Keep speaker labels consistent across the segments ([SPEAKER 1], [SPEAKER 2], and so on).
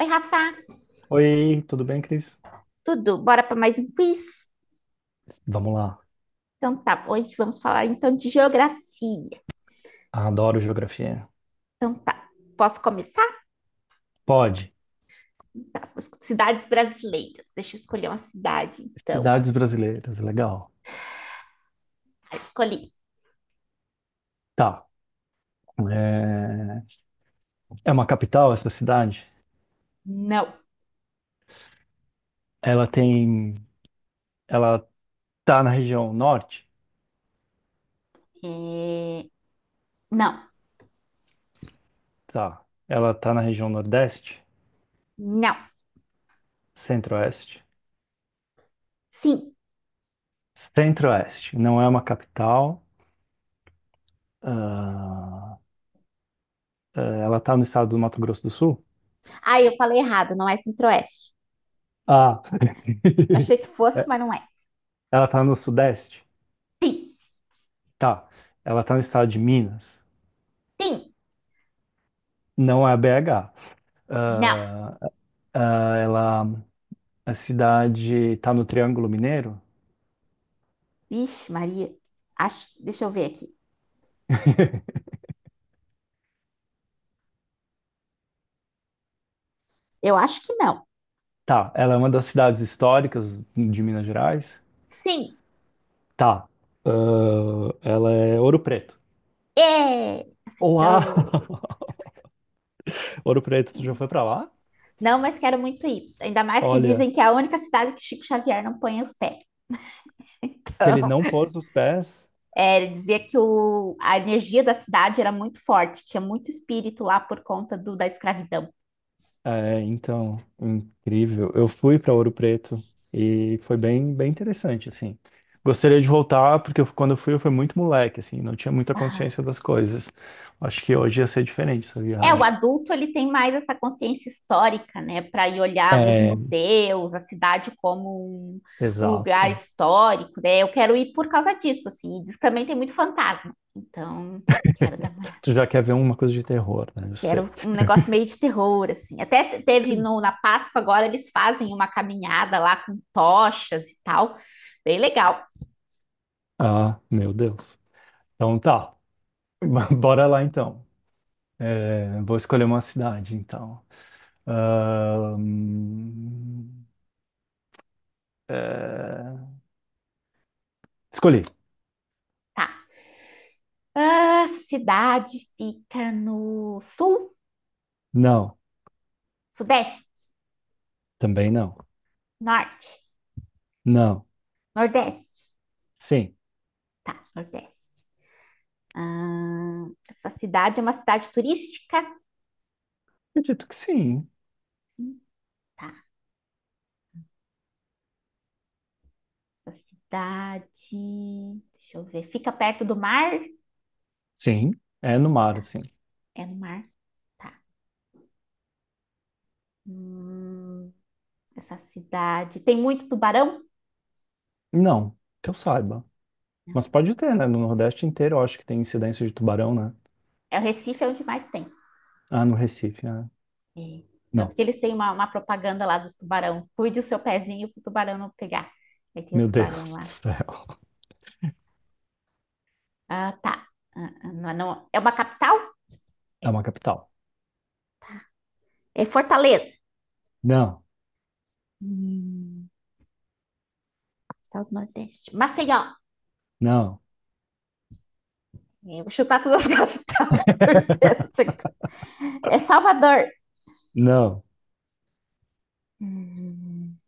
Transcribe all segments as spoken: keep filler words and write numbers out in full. [SPEAKER 1] Oi, Rafa,
[SPEAKER 2] Oi, tudo bem, Cris?
[SPEAKER 1] tudo? Bora para mais um quiz?
[SPEAKER 2] Vamos lá.
[SPEAKER 1] Então tá, hoje vamos falar então de geografia.
[SPEAKER 2] Adoro geografia.
[SPEAKER 1] Então tá, posso começar?
[SPEAKER 2] Pode.
[SPEAKER 1] Tá, as cidades brasileiras. Deixa eu escolher uma cidade, então.
[SPEAKER 2] Cidades brasileiras, legal.
[SPEAKER 1] Ah, escolhi.
[SPEAKER 2] Tá. É, é uma capital essa cidade?
[SPEAKER 1] Não.
[SPEAKER 2] Ela tem. Ela tá na região norte?
[SPEAKER 1] É, não.
[SPEAKER 2] Tá. Ela tá na região nordeste?
[SPEAKER 1] Não.
[SPEAKER 2] Centro-oeste?
[SPEAKER 1] Sim.
[SPEAKER 2] Centro-oeste. Não é uma capital. Ah, eh, ela tá no estado do Mato Grosso do Sul?
[SPEAKER 1] Ah, eu falei errado, não é Centro-Oeste.
[SPEAKER 2] Ah.
[SPEAKER 1] Eu achei que fosse, mas não é.
[SPEAKER 2] Ela tá no sudeste?
[SPEAKER 1] Sim.
[SPEAKER 2] Tá. Ela tá no estado de Minas?
[SPEAKER 1] Sim.
[SPEAKER 2] Não é B agá.
[SPEAKER 1] Não.
[SPEAKER 2] Ah, ah, ela, a cidade está no Triângulo Mineiro?
[SPEAKER 1] Vixe, Maria. Acho... Deixa eu ver aqui. Eu acho que não.
[SPEAKER 2] Tá. Ela é uma das cidades históricas de Minas Gerais?
[SPEAKER 1] Sim.
[SPEAKER 2] Tá. Ah, ela é Ouro Preto.
[SPEAKER 1] É.
[SPEAKER 2] Olá!
[SPEAKER 1] Acertou.
[SPEAKER 2] Ouro Preto,
[SPEAKER 1] É.
[SPEAKER 2] tu já foi pra lá?
[SPEAKER 1] Não, mas quero muito ir. Ainda mais que
[SPEAKER 2] Olha,
[SPEAKER 1] dizem que é a única cidade que Chico Xavier não põe os pés.
[SPEAKER 2] que ele
[SPEAKER 1] Então,
[SPEAKER 2] não pôs os pés.
[SPEAKER 1] é, ele dizia que o, a energia da cidade era muito forte, tinha muito espírito lá por conta do, da escravidão.
[SPEAKER 2] É, então, incrível. Eu fui pra Ouro Preto e foi bem, bem interessante, assim. Gostaria de voltar, porque eu- quando eu fui, eu fui muito moleque, assim, não tinha muita
[SPEAKER 1] Ah.
[SPEAKER 2] consciência das coisas. Acho que hoje ia ser diferente essa
[SPEAKER 1] É, o
[SPEAKER 2] viagem.
[SPEAKER 1] adulto ele tem mais essa consciência histórica, né, para ir olhar os
[SPEAKER 2] É,
[SPEAKER 1] museus, a cidade como um, um lugar
[SPEAKER 2] exato.
[SPEAKER 1] histórico, né? Eu quero ir por causa disso, assim. E diz que também tem muito fantasma. Então, quero dar uma olhada.
[SPEAKER 2] Tu já quer ver uma coisa de terror, né? Eu
[SPEAKER 1] Que era
[SPEAKER 2] sei.
[SPEAKER 1] um negócio meio de terror, assim. Até te- teve no, na Páscoa agora, eles fazem uma caminhada lá com tochas e tal. Bem legal,
[SPEAKER 2] Ah, meu Deus. Então tá. Bora lá então. É, vou escolher uma cidade então. Ahn, é, Escolhi.
[SPEAKER 1] tá? A cidade fica no sul,
[SPEAKER 2] Não.
[SPEAKER 1] sudeste,
[SPEAKER 2] Também não.
[SPEAKER 1] norte,
[SPEAKER 2] Não.
[SPEAKER 1] nordeste.
[SPEAKER 2] Sim.
[SPEAKER 1] Tá, nordeste. Ah, essa cidade é uma cidade turística.
[SPEAKER 2] Acredito que sim.
[SPEAKER 1] Sim, tá. Essa cidade. Deixa eu ver. Fica perto do mar?
[SPEAKER 2] Sim. É no
[SPEAKER 1] Tá.
[SPEAKER 2] mar, sim.
[SPEAKER 1] É no mar? Tá. Hum, essa cidade. Tem muito tubarão?
[SPEAKER 2] Não. Que eu saiba. Mas pode ter, né? No Nordeste inteiro eu acho que tem incidência de tubarão, né?
[SPEAKER 1] É o Recife é onde mais tem.
[SPEAKER 2] Ah, no Recife, né?
[SPEAKER 1] É. Tanto
[SPEAKER 2] Não.
[SPEAKER 1] que eles têm uma, uma propaganda lá dos tubarão. Cuide o seu pezinho pro tubarão não pegar. Aí tem o
[SPEAKER 2] Meu
[SPEAKER 1] tubarão
[SPEAKER 2] Deus do
[SPEAKER 1] lá.
[SPEAKER 2] céu.
[SPEAKER 1] Ah, tá. Ah, ah, não, é, não. É uma capital?
[SPEAKER 2] É uma capital.
[SPEAKER 1] É Fortaleza.
[SPEAKER 2] Não,
[SPEAKER 1] Hum, capital do Nordeste. Maceió.
[SPEAKER 2] não,
[SPEAKER 1] Eu vou chutar todas as capitais do Nordeste. É Salvador.
[SPEAKER 2] não.
[SPEAKER 1] Hum,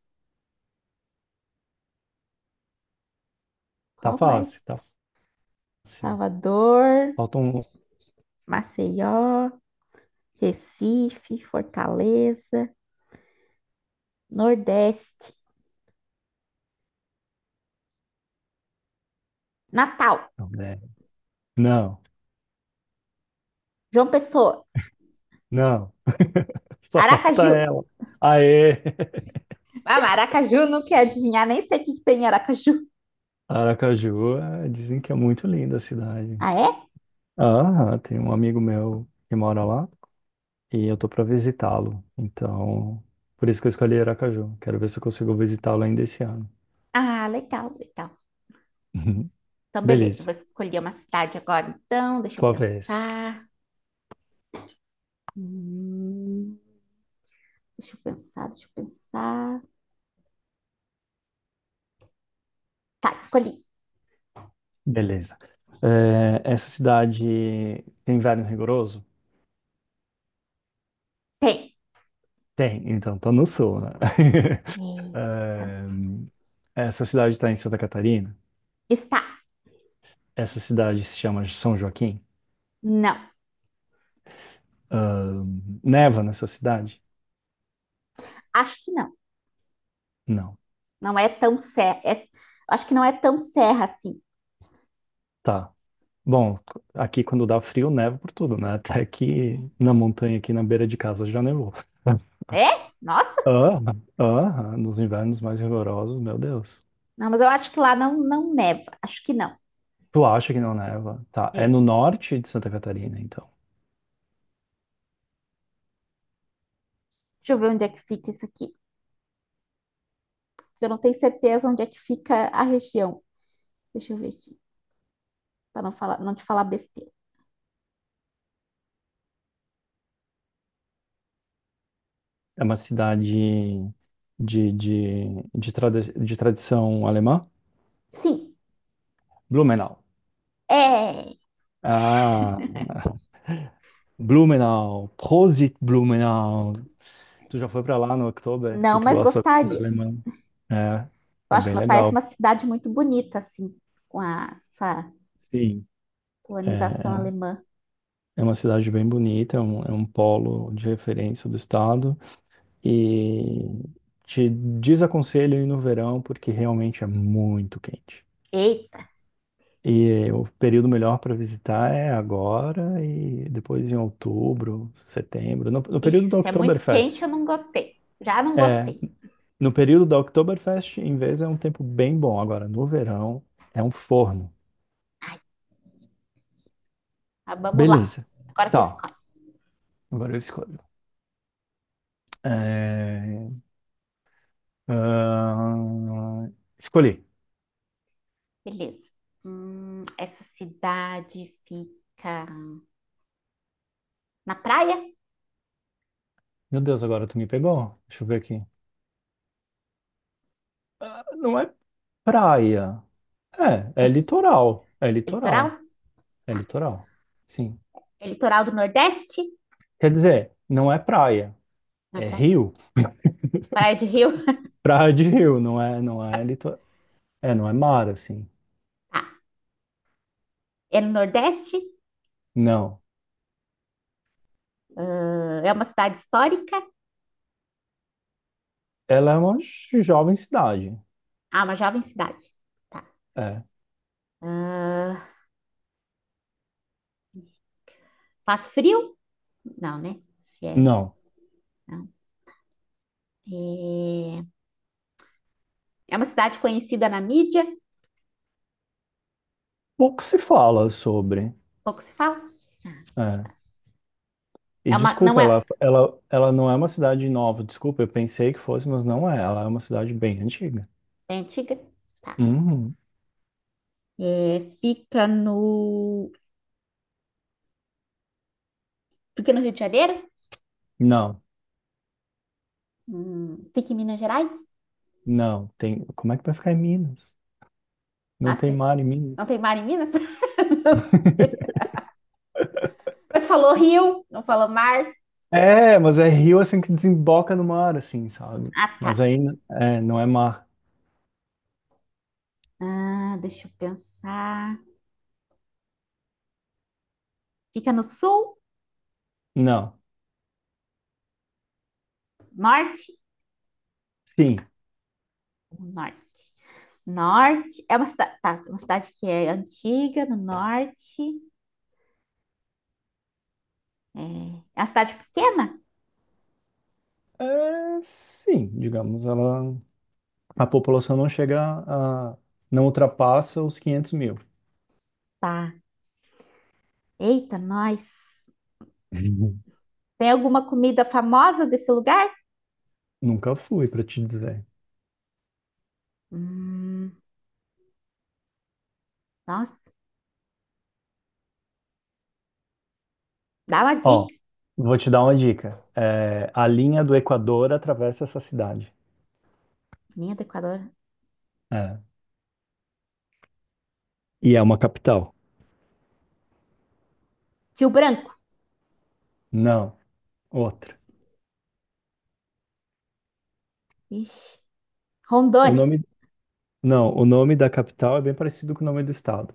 [SPEAKER 2] Tá
[SPEAKER 1] qual mais?
[SPEAKER 2] fácil, tá fácil.
[SPEAKER 1] Salvador,
[SPEAKER 2] Falta um.
[SPEAKER 1] Maceió, Recife, Fortaleza, Nordeste, Natal,
[SPEAKER 2] Não, né? Não.
[SPEAKER 1] João Pessoa,
[SPEAKER 2] Não. Só falta
[SPEAKER 1] Aracaju.
[SPEAKER 2] ela. Aê!
[SPEAKER 1] Ah, maracaju, não quer adivinhar, nem sei o que que tem em Aracaju.
[SPEAKER 2] Aracaju, é, dizem que é muito linda a cidade.
[SPEAKER 1] Ah, é?
[SPEAKER 2] Ah, tem um amigo meu que mora lá e eu tô pra visitá-lo. Então, por isso que eu escolhi Aracaju. Quero ver se eu consigo visitá-lo ainda esse ano.
[SPEAKER 1] Ah, legal, legal.
[SPEAKER 2] Uhum.
[SPEAKER 1] Então, beleza,
[SPEAKER 2] Beleza,
[SPEAKER 1] vou escolher uma cidade agora, então, deixa eu
[SPEAKER 2] tua vez.
[SPEAKER 1] pensar. Hum, deixa eu pensar, deixa eu pensar. Tá, escolhi.
[SPEAKER 2] Beleza. É, essa cidade tem inverno rigoroso?
[SPEAKER 1] Tem.
[SPEAKER 2] Tem, então, tá no sul, né?
[SPEAKER 1] Eita,
[SPEAKER 2] Ahn, essa cidade está em Santa Catarina.
[SPEAKER 1] está.
[SPEAKER 2] Essa cidade se chama São Joaquim.
[SPEAKER 1] Não,
[SPEAKER 2] Ahn, neva nessa cidade?
[SPEAKER 1] acho que não.
[SPEAKER 2] Não.
[SPEAKER 1] Não é tão serra. É- acho que não é tão serra assim.
[SPEAKER 2] Tá. Bom, c- aqui quando dá frio, neva por tudo, né? Até que na montanha aqui na beira de casa já nevou.
[SPEAKER 1] É? Nossa!
[SPEAKER 2] Ah, ah, nos invernos mais rigorosos, meu Deus.
[SPEAKER 1] Não, mas eu acho que lá não, não neva. Acho que não.
[SPEAKER 2] Tu acha que não neva? Tá, é no
[SPEAKER 1] É.
[SPEAKER 2] norte de Santa Catarina, então.
[SPEAKER 1] Deixa eu ver onde é que fica isso aqui. Eu não tenho certeza onde é que fica a região. Deixa eu ver aqui, para não falar, não te falar besteira.
[SPEAKER 2] É uma cidade de, de, de, tradi- de tradição alemã?
[SPEAKER 1] Sim,
[SPEAKER 2] Blumenau.
[SPEAKER 1] é.
[SPEAKER 2] Ah, Blumenau. Prosit Blumenau. Tu já foi pra lá no Oktober?
[SPEAKER 1] Não,
[SPEAKER 2] Tu que
[SPEAKER 1] mas
[SPEAKER 2] gosta da cultura
[SPEAKER 1] gostaria.
[SPEAKER 2] alemã. É,
[SPEAKER 1] Eu
[SPEAKER 2] é
[SPEAKER 1] acho,
[SPEAKER 2] bem
[SPEAKER 1] uma- parece
[SPEAKER 2] legal.
[SPEAKER 1] uma cidade muito bonita, assim, com a- essa
[SPEAKER 2] Sim. É,
[SPEAKER 1] colonização
[SPEAKER 2] é
[SPEAKER 1] alemã.
[SPEAKER 2] É uma cidade bem bonita, é um, é um polo de referência do estado. E te desaconselho ir no verão, porque realmente é muito quente.
[SPEAKER 1] Eita,
[SPEAKER 2] E o período melhor para visitar é agora e depois em outubro, setembro, no, no
[SPEAKER 1] ixi,
[SPEAKER 2] período da
[SPEAKER 1] se é muito quente,
[SPEAKER 2] Oktoberfest.
[SPEAKER 1] eu não gostei. Já não
[SPEAKER 2] É,
[SPEAKER 1] gostei.
[SPEAKER 2] no período da Oktoberfest, em vez é um tempo bem bom. Agora, no verão, é um forno.
[SPEAKER 1] Ai, mas vamos lá.
[SPEAKER 2] Beleza.
[SPEAKER 1] Agora tu
[SPEAKER 2] Tá,
[SPEAKER 1] escolhe.
[SPEAKER 2] agora eu escolho. É, ahn, Escolhi.
[SPEAKER 1] Beleza. Hum, essa cidade fica na praia?
[SPEAKER 2] Meu Deus, agora tu me pegou. Deixa eu ver aqui. Ah, não é praia. É, é litoral. É
[SPEAKER 1] É litoral?
[SPEAKER 2] litoral. É
[SPEAKER 1] Tá.
[SPEAKER 2] litoral. Sim.
[SPEAKER 1] É litoral do Nordeste?
[SPEAKER 2] Quer dizer, não é praia.
[SPEAKER 1] Na
[SPEAKER 2] É
[SPEAKER 1] praia?
[SPEAKER 2] rio.
[SPEAKER 1] Praia de Rio?
[SPEAKER 2] Praia de rio, não é, não é litoral. É, não é mar, assim.
[SPEAKER 1] Tá. É no Nordeste?
[SPEAKER 2] Não.
[SPEAKER 1] Ah, é uma cidade histórica?
[SPEAKER 2] Ela é uma jovem cidade.
[SPEAKER 1] Ah, uma jovem cidade. Tá.
[SPEAKER 2] É.
[SPEAKER 1] Ah, faz frio? Não, né? Se é,
[SPEAKER 2] Não.
[SPEAKER 1] não. É... é uma cidade conhecida na mídia?
[SPEAKER 2] Pouco se fala sobre.
[SPEAKER 1] Pouco se fala? Ah, então.
[SPEAKER 2] É. E
[SPEAKER 1] É uma, não
[SPEAKER 2] desculpa,
[SPEAKER 1] é,
[SPEAKER 2] ela, ela, ela não é uma cidade nova. Desculpa, eu pensei que fosse, mas não é. Ela é uma cidade bem antiga.
[SPEAKER 1] é antiga? Tá.
[SPEAKER 2] Uhum.
[SPEAKER 1] É, fica no, fica no Rio de Janeiro?
[SPEAKER 2] Não.
[SPEAKER 1] Hum, fica em Minas Gerais?
[SPEAKER 2] Não, tem. Como é que vai ficar em Minas? Não
[SPEAKER 1] Ah,
[SPEAKER 2] tem
[SPEAKER 1] sei.
[SPEAKER 2] mar em
[SPEAKER 1] Não
[SPEAKER 2] Minas.
[SPEAKER 1] tem mar em Minas? Não sei. Mas tu falou rio, não falou mar.
[SPEAKER 2] É, mas é rio assim que desemboca no mar, assim, sabe?
[SPEAKER 1] Ah, tá.
[SPEAKER 2] Mas aí é, não é mar.
[SPEAKER 1] Ah, deixa eu pensar. Fica no sul?
[SPEAKER 2] Não.
[SPEAKER 1] Norte?
[SPEAKER 2] Sim.
[SPEAKER 1] Norte. Norte. É uma cidade, tá, uma cidade que é antiga, no norte. É, é uma cidade pequena?
[SPEAKER 2] É, sim, digamos, ela, a população não chega a, não ultrapassa os quinhentos mil.
[SPEAKER 1] Tá. Eita, nós.
[SPEAKER 2] Uhum.
[SPEAKER 1] Tem alguma comida famosa desse lugar?
[SPEAKER 2] Nunca fui, pra te dizer.
[SPEAKER 1] Hum, nossa, dá uma
[SPEAKER 2] Ó,
[SPEAKER 1] dica.
[SPEAKER 2] vou te dar uma dica. É, a linha do Equador atravessa essa cidade.
[SPEAKER 1] Linha do Equador.
[SPEAKER 2] É. E é uma capital.
[SPEAKER 1] Rio Branco.
[SPEAKER 2] Não, outra.
[SPEAKER 1] Ixi.
[SPEAKER 2] O
[SPEAKER 1] Rondônia.
[SPEAKER 2] nome, Não, o nome da capital é bem parecido com o nome do estado.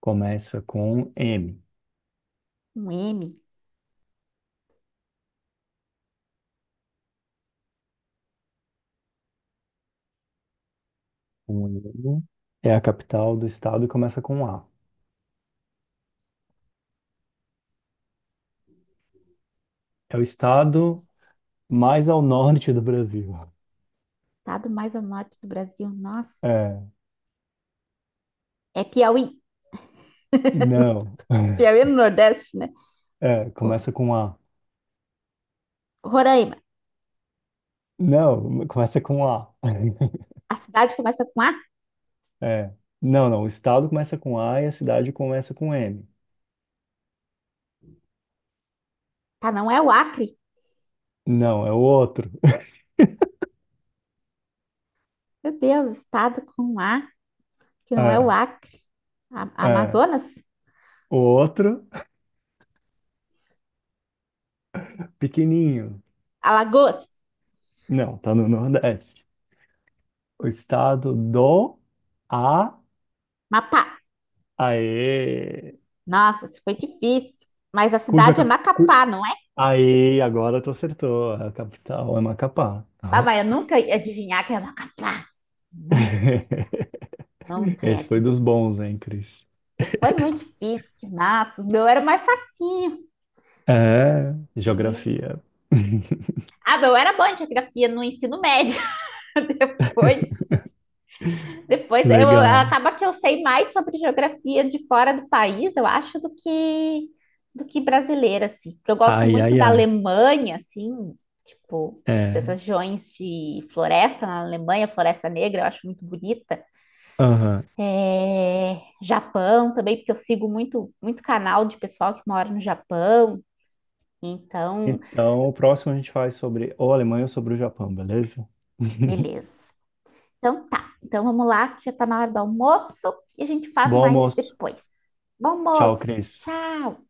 [SPEAKER 2] Começa com M.
[SPEAKER 1] Um M.
[SPEAKER 2] O M é a capital do estado e começa com A. É o estado mais ao norte do Brasil.
[SPEAKER 1] Estado mais ao norte do Brasil. Nossa.
[SPEAKER 2] É,
[SPEAKER 1] É Piauí.
[SPEAKER 2] não.
[SPEAKER 1] Piauí no Nordeste, né?
[SPEAKER 2] É,
[SPEAKER 1] Pô.
[SPEAKER 2] começa com A.
[SPEAKER 1] Roraima.
[SPEAKER 2] Não, começa com A.
[SPEAKER 1] A cidade começa com A?
[SPEAKER 2] É. Não, não, o estado começa com A e a cidade começa com M.
[SPEAKER 1] Tá, não é o Acre.
[SPEAKER 2] Não, é o outro.
[SPEAKER 1] Meu Deus, estado com A, que não é o
[SPEAKER 2] É,
[SPEAKER 1] Acre. A-
[SPEAKER 2] é.
[SPEAKER 1] Amazonas?
[SPEAKER 2] O outro, pequenininho.
[SPEAKER 1] Alagoas?
[SPEAKER 2] Não, tá no Nordeste. O estado do A.
[SPEAKER 1] Mapá.
[SPEAKER 2] Aê!
[SPEAKER 1] Nossa, isso foi difícil. Mas a
[SPEAKER 2] Cuja
[SPEAKER 1] cidade é
[SPEAKER 2] cap... cu-
[SPEAKER 1] Macapá, não é?
[SPEAKER 2] Aê, agora tu acertou. A capital é Macapá.
[SPEAKER 1] Ah,
[SPEAKER 2] Tá?
[SPEAKER 1] mas eu nunca ia adivinhar que é Macapá. Nunca, nunca ia
[SPEAKER 2] Esse foi dos
[SPEAKER 1] adivinhar.
[SPEAKER 2] bons, hein, Cris?
[SPEAKER 1] Esse foi muito difícil. Nossa, o meu era mais facinho.
[SPEAKER 2] É,
[SPEAKER 1] É.
[SPEAKER 2] geografia.
[SPEAKER 1] Ah, meu era bom em geografia no ensino médio. Depois Depois eu
[SPEAKER 2] Legal.
[SPEAKER 1] acaba que eu sei mais sobre geografia de fora do país, eu acho, do que do que brasileira, assim. Porque eu gosto
[SPEAKER 2] Ai,
[SPEAKER 1] muito
[SPEAKER 2] ai,
[SPEAKER 1] da
[SPEAKER 2] ai.
[SPEAKER 1] Alemanha, assim, tipo,
[SPEAKER 2] É.
[SPEAKER 1] dessas regiões de floresta na Alemanha, Floresta Negra, eu acho muito bonita.
[SPEAKER 2] Aham.
[SPEAKER 1] É, Japão também, porque eu sigo muito, muito canal de pessoal que mora no Japão. Então,
[SPEAKER 2] Então, o próximo a gente faz sobre ou a Alemanha ou sobre o Japão, beleza?
[SPEAKER 1] beleza. Então tá. Então vamos lá, que já tá na hora do almoço e a gente faz
[SPEAKER 2] Bom
[SPEAKER 1] mais
[SPEAKER 2] almoço.
[SPEAKER 1] depois. Bom
[SPEAKER 2] Tchau,
[SPEAKER 1] almoço.
[SPEAKER 2] Cris.
[SPEAKER 1] Tchau.